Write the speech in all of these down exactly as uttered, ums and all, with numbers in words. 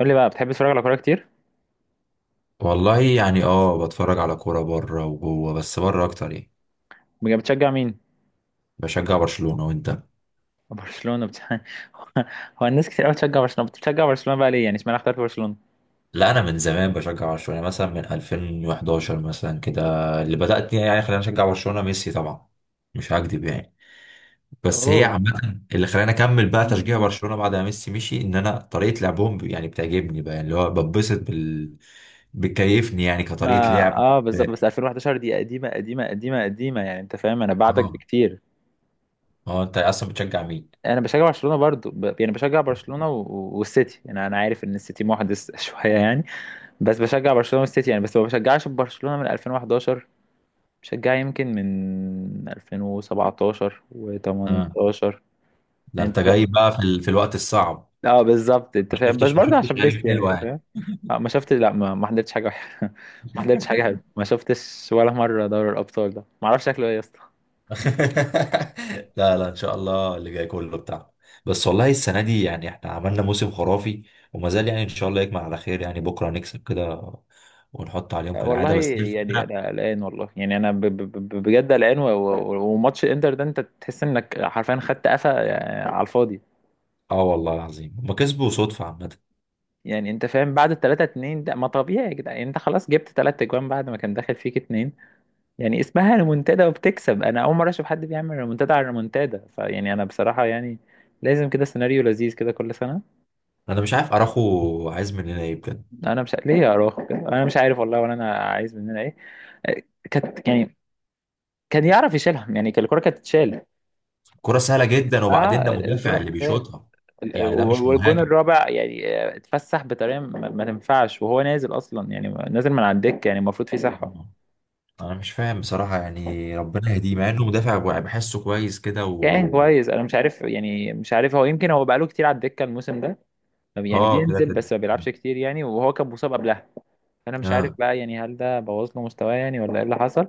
قول لي بقى، بتحب تتفرج على كوره كتير؟ والله يعني اه بتفرج على كورة بره وجوه، بس بره اكتر يعني. بجد بتشجع مين؟ بشجع برشلونة، وانت؟ برشلونه بت... هو الناس كتير قوي بتشجع برشلونه، بتشجع برشلونه بقى ليه؟ يعني اشمعنى اخترت برشلونه؟ لا، انا من زمان بشجع برشلونة مثلا من ألفين وحداشر مثلا كده. اللي بدأت يعني خلاني اشجع برشلونة ميسي طبعا. مش هكدب يعني. بس هي اوه عامة اللي خلاني اكمل بقى م- تشجيع م. برشلونة بعد ما ميسي مشي، ان انا طريقة لعبهم ب- يعني بتعجبني بقى، اللي هو ببسط بال. بتكيفني يعني كطريقة ما لعب. اه بالظبط، بس ألفين وحداشر دي قديمه قديمه قديمه قديمه يعني، انت فاهم، انا بعدك اه، بكتير. اه، انت اصلا بتشجع مين؟ انا بشجع برشلونه برضو ب... يعني بشجع برشلونه و... و- والسيتي، يعني انا عارف ان السيتي محدث شويه يعني. بس بشجع برشلونه والسيتي، يعني بس ما بشجعش برشلونه من ألفين وحداشر، بشجعها يمكن من ألفين وسبعة عشر اه، و18. ده يعني انت انت جاي بقى في, ال... في الوقت الصعب. اه بالظبط، انت ما فاهم؟ بس شفتش ما برضه عشان شفتش ايام ميسي، يعني حلوه انت يعني. فاهم. آه، ما شفتش، لا، ما ما حضرتش حاجه وحشة. ما حضرتش حاجه حلوه، ما شفتش ولا مره دوري الابطال ده، ما اعرفش شكله ايه يا اسطى. لا، لا، ان شاء الله اللي جاي كله بتاع. بس والله السنه دي يعني احنا عملنا موسم خرافي. وما زال يعني ان شاء الله يكمل على خير، يعني بكره نكسب كده ونحط عليهم آه، والله كالعاده، بس هي يعني انا الفكره. قلقان، والله يعني انا ب- ب- ب- بجد قلقان، و- و- وماتش الانتر ده انت تحس انك حرفيا خدت قفا آه، على الفاضي. اه، والله العظيم هما كسبوا صدفه عامه. يعني انت فاهم، بعد ال تلاتة اتنين ده ما طبيعي يا جدعان. يعني انت خلاص جبت ثلاث اجوان بعد ما كان داخل فيك اتنين، يعني اسمها ريمونتادا وبتكسب، انا اول مره اشوف حد بيعمل ريمونتادا على ريمونتادا. فيعني انا بصراحه يعني لازم كده سيناريو لذيذ كده كل سنه. انا مش عارف اراخو عايز مننا ايه بجد. انا مش ليه يا اراخو كده، انا مش عارف والله، ولا انا عايز مننا ايه. آه، كانت يعني كان يعرف يشيلهم، يعني كان الكره كانت تتشال. كره سهله جدا، وبعدين ده اه، الكره مدافع اللي تتشال. بيشوطها. ال- ال- يعني ده مش والجون مهاجم. الرابع يعني آه، اتفسح بطريقه ما ما تنفعش، وهو نازل اصلا يعني، نازل من على الدكه، يعني المفروض في صحه. انا مش فاهم بصراحه، يعني ربنا يهديه مع انه مدافع بحسه كويس كده كان و كويس، انا مش عارف يعني، مش عارف هو، يمكن هو بقاله كتير على الدكه الموسم ده، يعني اه، كده بينزل كده. بس ما بيلعبش كتير يعني، وهو كان مصاب قبلها. انا مش عارف اه، بقى يعني، هل ده بوظ له مستواه يعني، ولا ايه اللي حصل.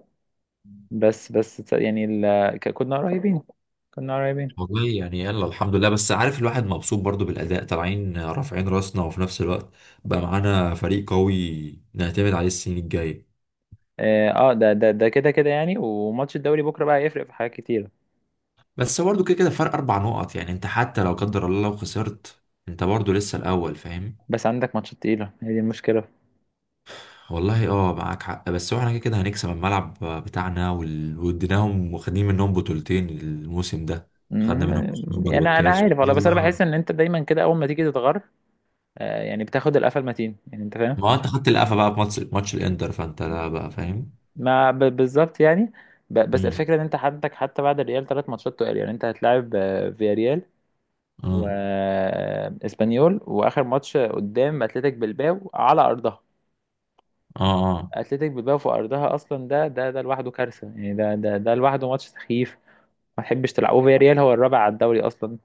بس بس تص- يعني ال... ك- كنا قريبين، كنا قريبين. والله يعني يلا الحمد لله، بس عارف الواحد مبسوط برضو بالأداء، طالعين رافعين راسنا، وفي نفس الوقت بقى معانا فريق قوي نعتمد عليه السنين الجاية. اه، آه، ده ده ده كده كده يعني، وماتش الدوري بكره بقى هيفرق في حاجات كتيره. بس برضو كده كده فرق أربع نقط، يعني أنت حتى لو قدر الله لو خسرت، أنت برضو لسه الأول، فاهم. بس عندك ماتشات تقيله، هي دي المشكله. والله، اه معاك حق، بس هو احنا كده كده هنكسب الملعب بتاعنا، وال- واديناهم واخدين منهم بطولتين الموسم ده. خدنا منهم مم، السوبر يعني انا أنا والكاس عارف والله، بس انا والله. بحس ان انت دايما كده اول ما تيجي تتغر، آه، يعني بتاخد القفا المتين، يعني انت فاهم. ما هو انت خدت القفا بقى في ماتش ماتش الانتر، فانت لا بقى، فاهم. ما ب- بالظبط يعني. ب- بس مم. الفكره ان انت عندك حتى بعد الريال ثلاث ماتشات تقال، يعني انت هتلاعب آه، فياريال اه، واسبانيول، واخر ماتش قدام اتلتيك بلباو على ارضها. اه. اتلتيك بلباو في ارضها اصلا، ده ده ده لوحده كارثه، يعني ده ده ده لوحده ماتش سخيف، ما تحبش تلعبه، في ريال هو الرابع على الدوري اصلا،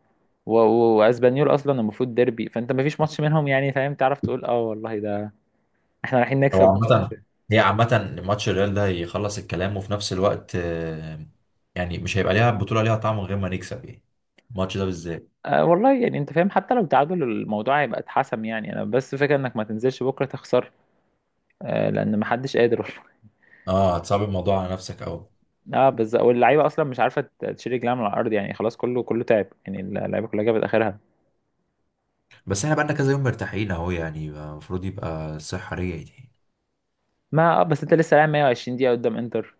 و- و- واسبانيول اصلا المفروض ديربي، فانت ما فيش ماتش منهم يعني، فاهم؟ تعرف تقول اه والله ده احنا رايحين هو نكسب عامة، وخلاص. هي عامة ماتش الريال ده هيخلص الكلام، وفي نفس الوقت آه، يعني مش هيبقى ليها بطولة ليها طعم من غير ما نكسب يعني، الماتش ده بالذات. آه والله، يعني انت فاهم، حتى لو تعادل الموضوع هيبقى اتحسم، يعني انا بس فكره انك ما تنزلش بكره تخسر، آه، لان ما حدش قادر. اه، هتصعب الموضوع على نفسك قوي. اه بالظبط، واللعيبه اصلا مش عارفه ت- تشيل رجلها من الارض يعني، خلاص كله كله تعب، يعني اللعيبه كلها جابت اخرها. بس احنا بقالنا كذا يوم مرتاحين اهو، يعني المفروض يبقى الصحة رجعت يعني. ما اه بس انت لسه لاعب مية وعشرين دقيقه قدام انتر،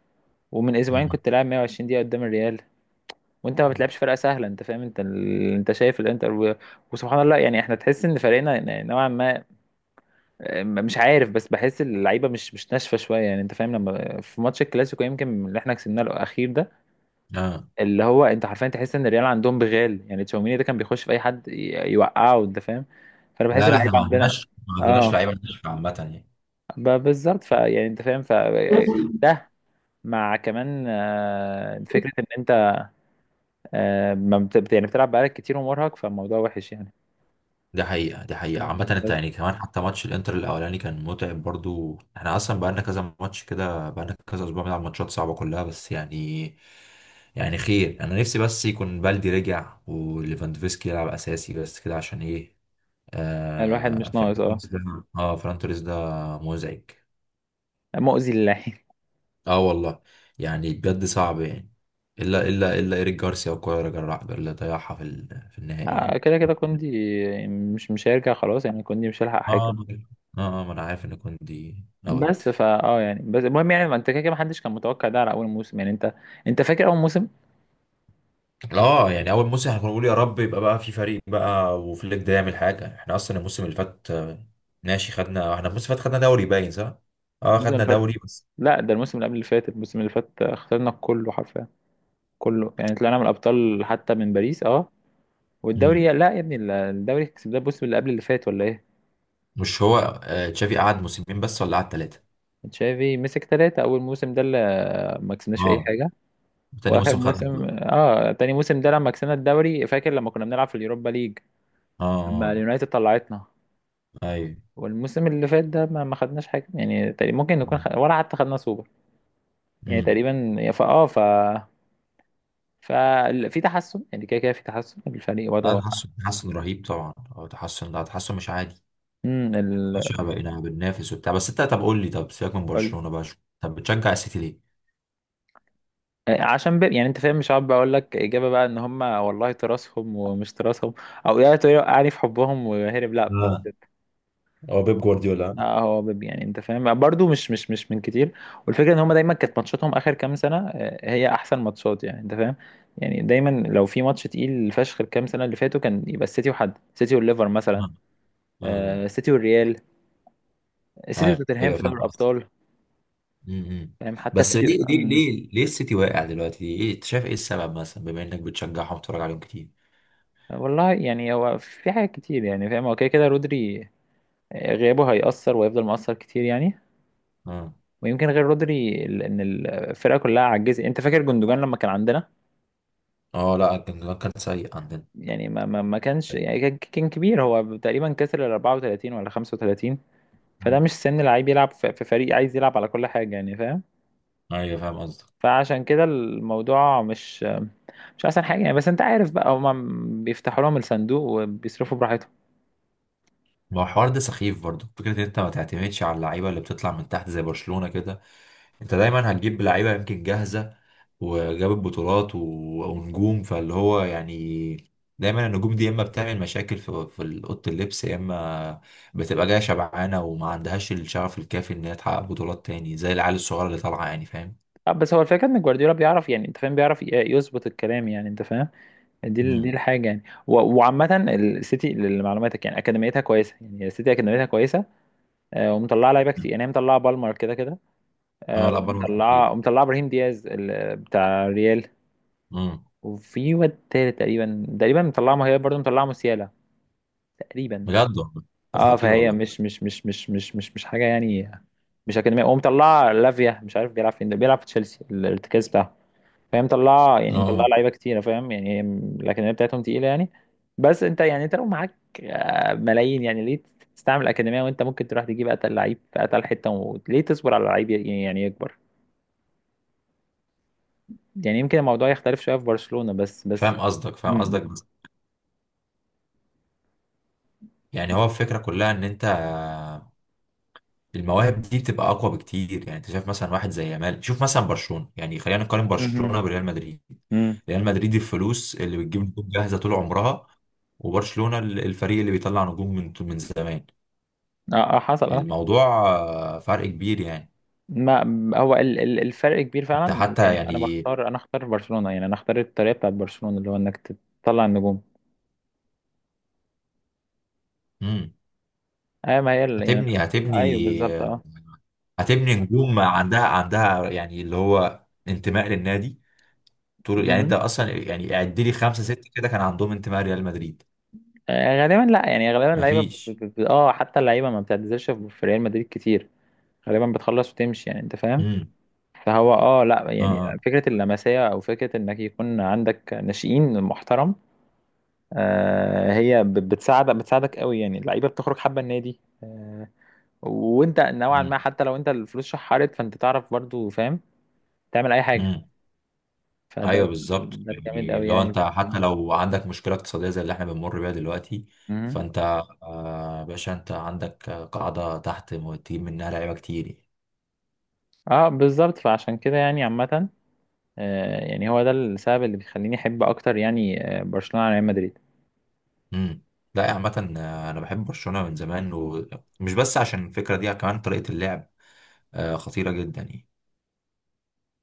ومن اسبوعين مم. كنت لاعب مية وعشرين دقيقه قدام الريال، وانت ما بتلعبش فرقه سهله، انت فاهم، انت ال... انت شايف الانتر و... وسبحان الله. يعني احنا تحس ان فريقنا ن- نوعا ما آه، مش عارف، بس بحس اللعيبه مش مش ناشفه شويه، يعني انت فاهم، لما في ماتش الكلاسيكو يمكن اللي احنا كسبناه الاخير ده، اه، اللي هو انت حرفيا تحس ان الريال عندهم بغال، يعني تشاوميني ده كان بيخش في اي حد ي- يوقعه، انت فاهم. فانا بحس لا، لا، احنا اللعيبه ما عندنا، عندناش ما عندناش اه، لعيبة ناشفة عامة يعني. ب- بالظبط. فيعني انت فاهم ف ده، مع كمان آه، فكره ان انت، آه، ما بت... بت- يعني بتلعب بقالك كتير ومرهق، فالموضوع وحش يعني. دي حقيقة، دي حقيقة عامة، انت بس يعني كمان حتى ماتش الانتر الاولاني كان متعب برضو، احنا اصلا بقالنا كذا ماتش كده، بقالنا كذا اسبوع بنلعب ماتشات صعبة كلها، بس يعني يعني خير، انا نفسي بس يكون بالدي رجع وليفاندوفسكي يلعب اساسي بس كده، عشان ايه. الواحد آه، مش فيران ناقص اه. توريس ده. اه، فيران توريس ده مزعج. مؤذي للعين. اه والله، يعني بجد صعب يعني. الا الا الا ايريك جارسيا وكولر جرع اللي ضيعها في ال- في النهائي آه، ده. كده كده، كوندي مش مش هيرجع خلاص يعني، كوندي مش هيلحق حاجه. اه، اه، آه، ما انا عارف ان كوندي اوت. بس فا اه يعني بس المهم يعني، ما انت كده كده ما حدش كان متوقع ده على اول موسم، يعني انت، انت فاكر اول موسم؟ اه، يعني اول موسم احنا كنا بنقول يا رب يبقى بقى في فريق بقى، وفليك ده يعمل حاجه. احنا اصلا الموسم اللي فات آه، ماشي، خدنا احنا الموسم اللي فات، خدنا دوري، باين صح؟ اه، الموسم اللي خدنا فات؟ دوري بس. لا، ده الموسم اللي قبل اللي فات. الموسم اللي فات خسرنا كله حرفيا، كله يعني، طلعنا من الابطال حتى من باريس، اه، والدوري امم. لا يا ابني. الدوري كسبناه الموسم اللي قبل اللي فات، ولا ايه؟ مش هو آه، تشافي قعد موسمين بس ولا قعد ثلاثه؟ تشافي مسك ثلاثة، أول موسم ده اللي ما كسبناش في أي اه، حاجة. تاني وآخر موسم خدنا موسم، الدوري. اه، تاني موسم ده لما كسبنا الدوري، فاكر لما كنا بنلعب في اليوروبا ليج، اه، لما اه، اليونايتد طلعتنا. آه. ايوه. والموسم اللي فات ده ما ما خدناش حاجة، يعني تقريبا ممكن نكون خد... ولا حتى خدنا سوبر، يعني امم. تقريبا، فا اه ف ففي تحسن يعني، كده كده في تحسن الفريق لا، وضعه. تحسن تحسن رهيب طبعا، اه، تحسن، لا، تحسن مش عادي. امم مش ال... بقينا بننافس وبتاع، بس انت طب قول لي، طب سيبك من قول- برشلونه بقى، شو؟ طب بتشجع السيتي ليه؟ عشان ب... يعني انت فاهم، مش عارف بقول لك اجابه بقى، ان هم والله تراثهم ومش تراثهم، او يا تقول- يعني في حبهم وهرب، لا، هو اه، بيب. هو بيب جوارديولا. اه، هو بيب، يعني انت فاهم برضو، مش مش مش من كتير. والفكره ان هم دايما كانت ماتشاتهم اخر كام سنه آه، هي احسن ماتشات، يعني انت فاهم. يعني دايما لو في ماتش تقيل فشخ الكام سنه اللي فاتوا، كان يبقى السيتي، وحد السيتي والليفر مثلا، آه. آه. آه، السيتي والريال، السيتي وتوتنهام ايوه، في فاهم دوري قصدك. الابطال، أمم. فاهم؟ حتى بس السيتي. ليه ليه مم. ليه ليه السيتي واقع دلوقتي؟ ايه انت شايف ايه السبب، مثلا بما انك بتشجعهم وبتتفرج عليهم كتير؟ والله يعني هو في حاجات كتير، يعني فاهم، هو كده كده رودري آه، غيابه هيأثر ويفضل مؤثر كتير يعني. اه، ويمكن غير رودري ال- ان الفرقة كلها عجزت، انت فاكر جندوجان لما كان عندنا؟ اه، لا، كان كان سيء عندنا. يعني ما ما ما كانش يعني، كان كان كبير، هو تقريبا كسر ال أربعة وثلاثين ولا خمسه وتلاتين، فده أمم. مش سن لعيب يلعب في في فريق عايز يلعب على كل حاجة، يعني فاهم. ايوه، فاهم قصدك. فعشان كده الموضوع مش مش احسن حاجة يعني، بس انت عارف بقى هما بيفتحوا لهم الصندوق وبيصرفوا براحتهم. ما هو الحوار ده سخيف برضو، فكرة ان انت ما تعتمدش على اللعيبة اللي بتطلع من تحت زي برشلونة كده. انت دايما هتجيب لعيبة يمكن جاهزة وجابت بطولات و... ونجوم، فاللي هو يعني دايما النجوم دي يا اما بتعمل مشاكل في في اوضه اللبس، يا اما بتبقى جايه شبعانه وما عندهاش الشغف الكافي ان هي تحقق بطولات تاني زي العيال الصغيره اللي طالعه، يعني فاهم. آه، بس هو الفكره ان جوارديولا بيعرف، يعني انت فاهم، بيعرف ي- يظبط الكلام، يعني انت فاهم، دي ال- دي امم. الحاجه يعني. و- وعامه السيتي لمعلوماتك يعني اكاديميتها كويسه، يعني السيتي اكاديميتها كويسه، آه، ومطلعه لعيبه كتير، يعني هي مطلعه بالمر كده كده، اه، آه، لا، بره خطير. ومطلعه ومطلعه ابراهيم دياز ال- بتاع ريال، امم. وفي واد تالت تقريبا، تقريبا مطلعه، ما هي برضه مطلعه موسيالا تقريبا. بجد والله. طب اه، خطير فهي والله. مش مش مش مش مش مش مش حاجه يعني، مش اكاديميه، ومطلعه لافيا، مش عارف بيلعب فين، ده بيلعب في تشيلسي الارتكاز بتاعه. فهي مطلعه، يعني مطلعه اه، لعيبه كتيره، فاهم يعني، هي م- الاكاديميه بتاعتهم تقيله يعني. بس انت يعني انت لو معاك آه، ملايين، يعني ليه تستعمل الاكاديميه وانت ممكن تروح تجيب اتقل لعيب في اتقل حته؟ وليه تصبر على لعيب ي- يعني يكبر؟ يعني يمكن الموضوع يختلف شويه في برشلونه، بس بس فاهم قصدك، فاهم مم. قصدك، بس يعني هو الفكره كلها ان انت المواهب دي بتبقى اقوى بكتير، يعني انت شايف مثلا واحد زي يامال. شوف مثلا برشلونه، يعني خلينا نقارن مم. برشلونه بريال مدريد. مم. ريال مدريد الفلوس اللي بتجيب نجوم جاهزه طول عمرها، وبرشلونه ال- الفريق اللي بيطلع نجوم من من زمان. اه، آه، حصل، اه. الموضوع آه، فرق كبير يعني. ما هو ال- ال- الفرق كبير انت فعلا، حتى يعني انا يعني بختار، انا اختار برشلونه، يعني انا اختار الطريقه بتاعت برشلونه، اللي هو انك تطلع النجوم. مم. ايوه، ما هي ال- يعني، هتبني هتبني ايوه بالظبط اه. هتبني نجوم عندها عندها يعني اللي هو انتماء للنادي. طول، يعني انت مم. اصلا يعني اعد لي خمسه سته كده، كان عندهم انتماء ريال مدريد. آه، غالبا لا يعني، غالبا اللعيبه ب... مفيش. ب... ب... اه حتى اللعيبه ما بتعتزلش في في ريال مدريد كتير، غالبا بتخلص وتمشي، يعني انت فاهم. امم. فهو اه لا اه، يعني، آه. فكره اللمسيه او فكره انك يكون عندك ناشئين محترم، آه، هي ب... بتساعد، بتساعدك قوي، يعني اللعيبه بتخرج حابه النادي، آه، وانت نوعا ما مم. حتى لو انت الفلوس شحرت، فانت تعرف برضو، فاهم، تعمل اي حاجه. مم. فده ايوه، ال- بالظبط، ده الجامد يعني قوي لو يعني. انت حتى لو عندك مشكله اقتصاديه زي اللي احنا بنمر بيها دلوقتي، مهم. فانت آه، باشا انت عندك آه، قاعده تحت م- تجيب منها لعيبه كتير يعني. اه بالظبط، فعشان كده يعني عامه، آه، يعني هو ده السبب اللي بيخليني احب اكتر، يعني آه، برشلونة على ريال مدريد. مم. لا، عامه آه، انا بحب برشلونه من زمان، ومش بس عشان الفكره دي، كمان طريقه اللعب آه، خطيره جدا يعني.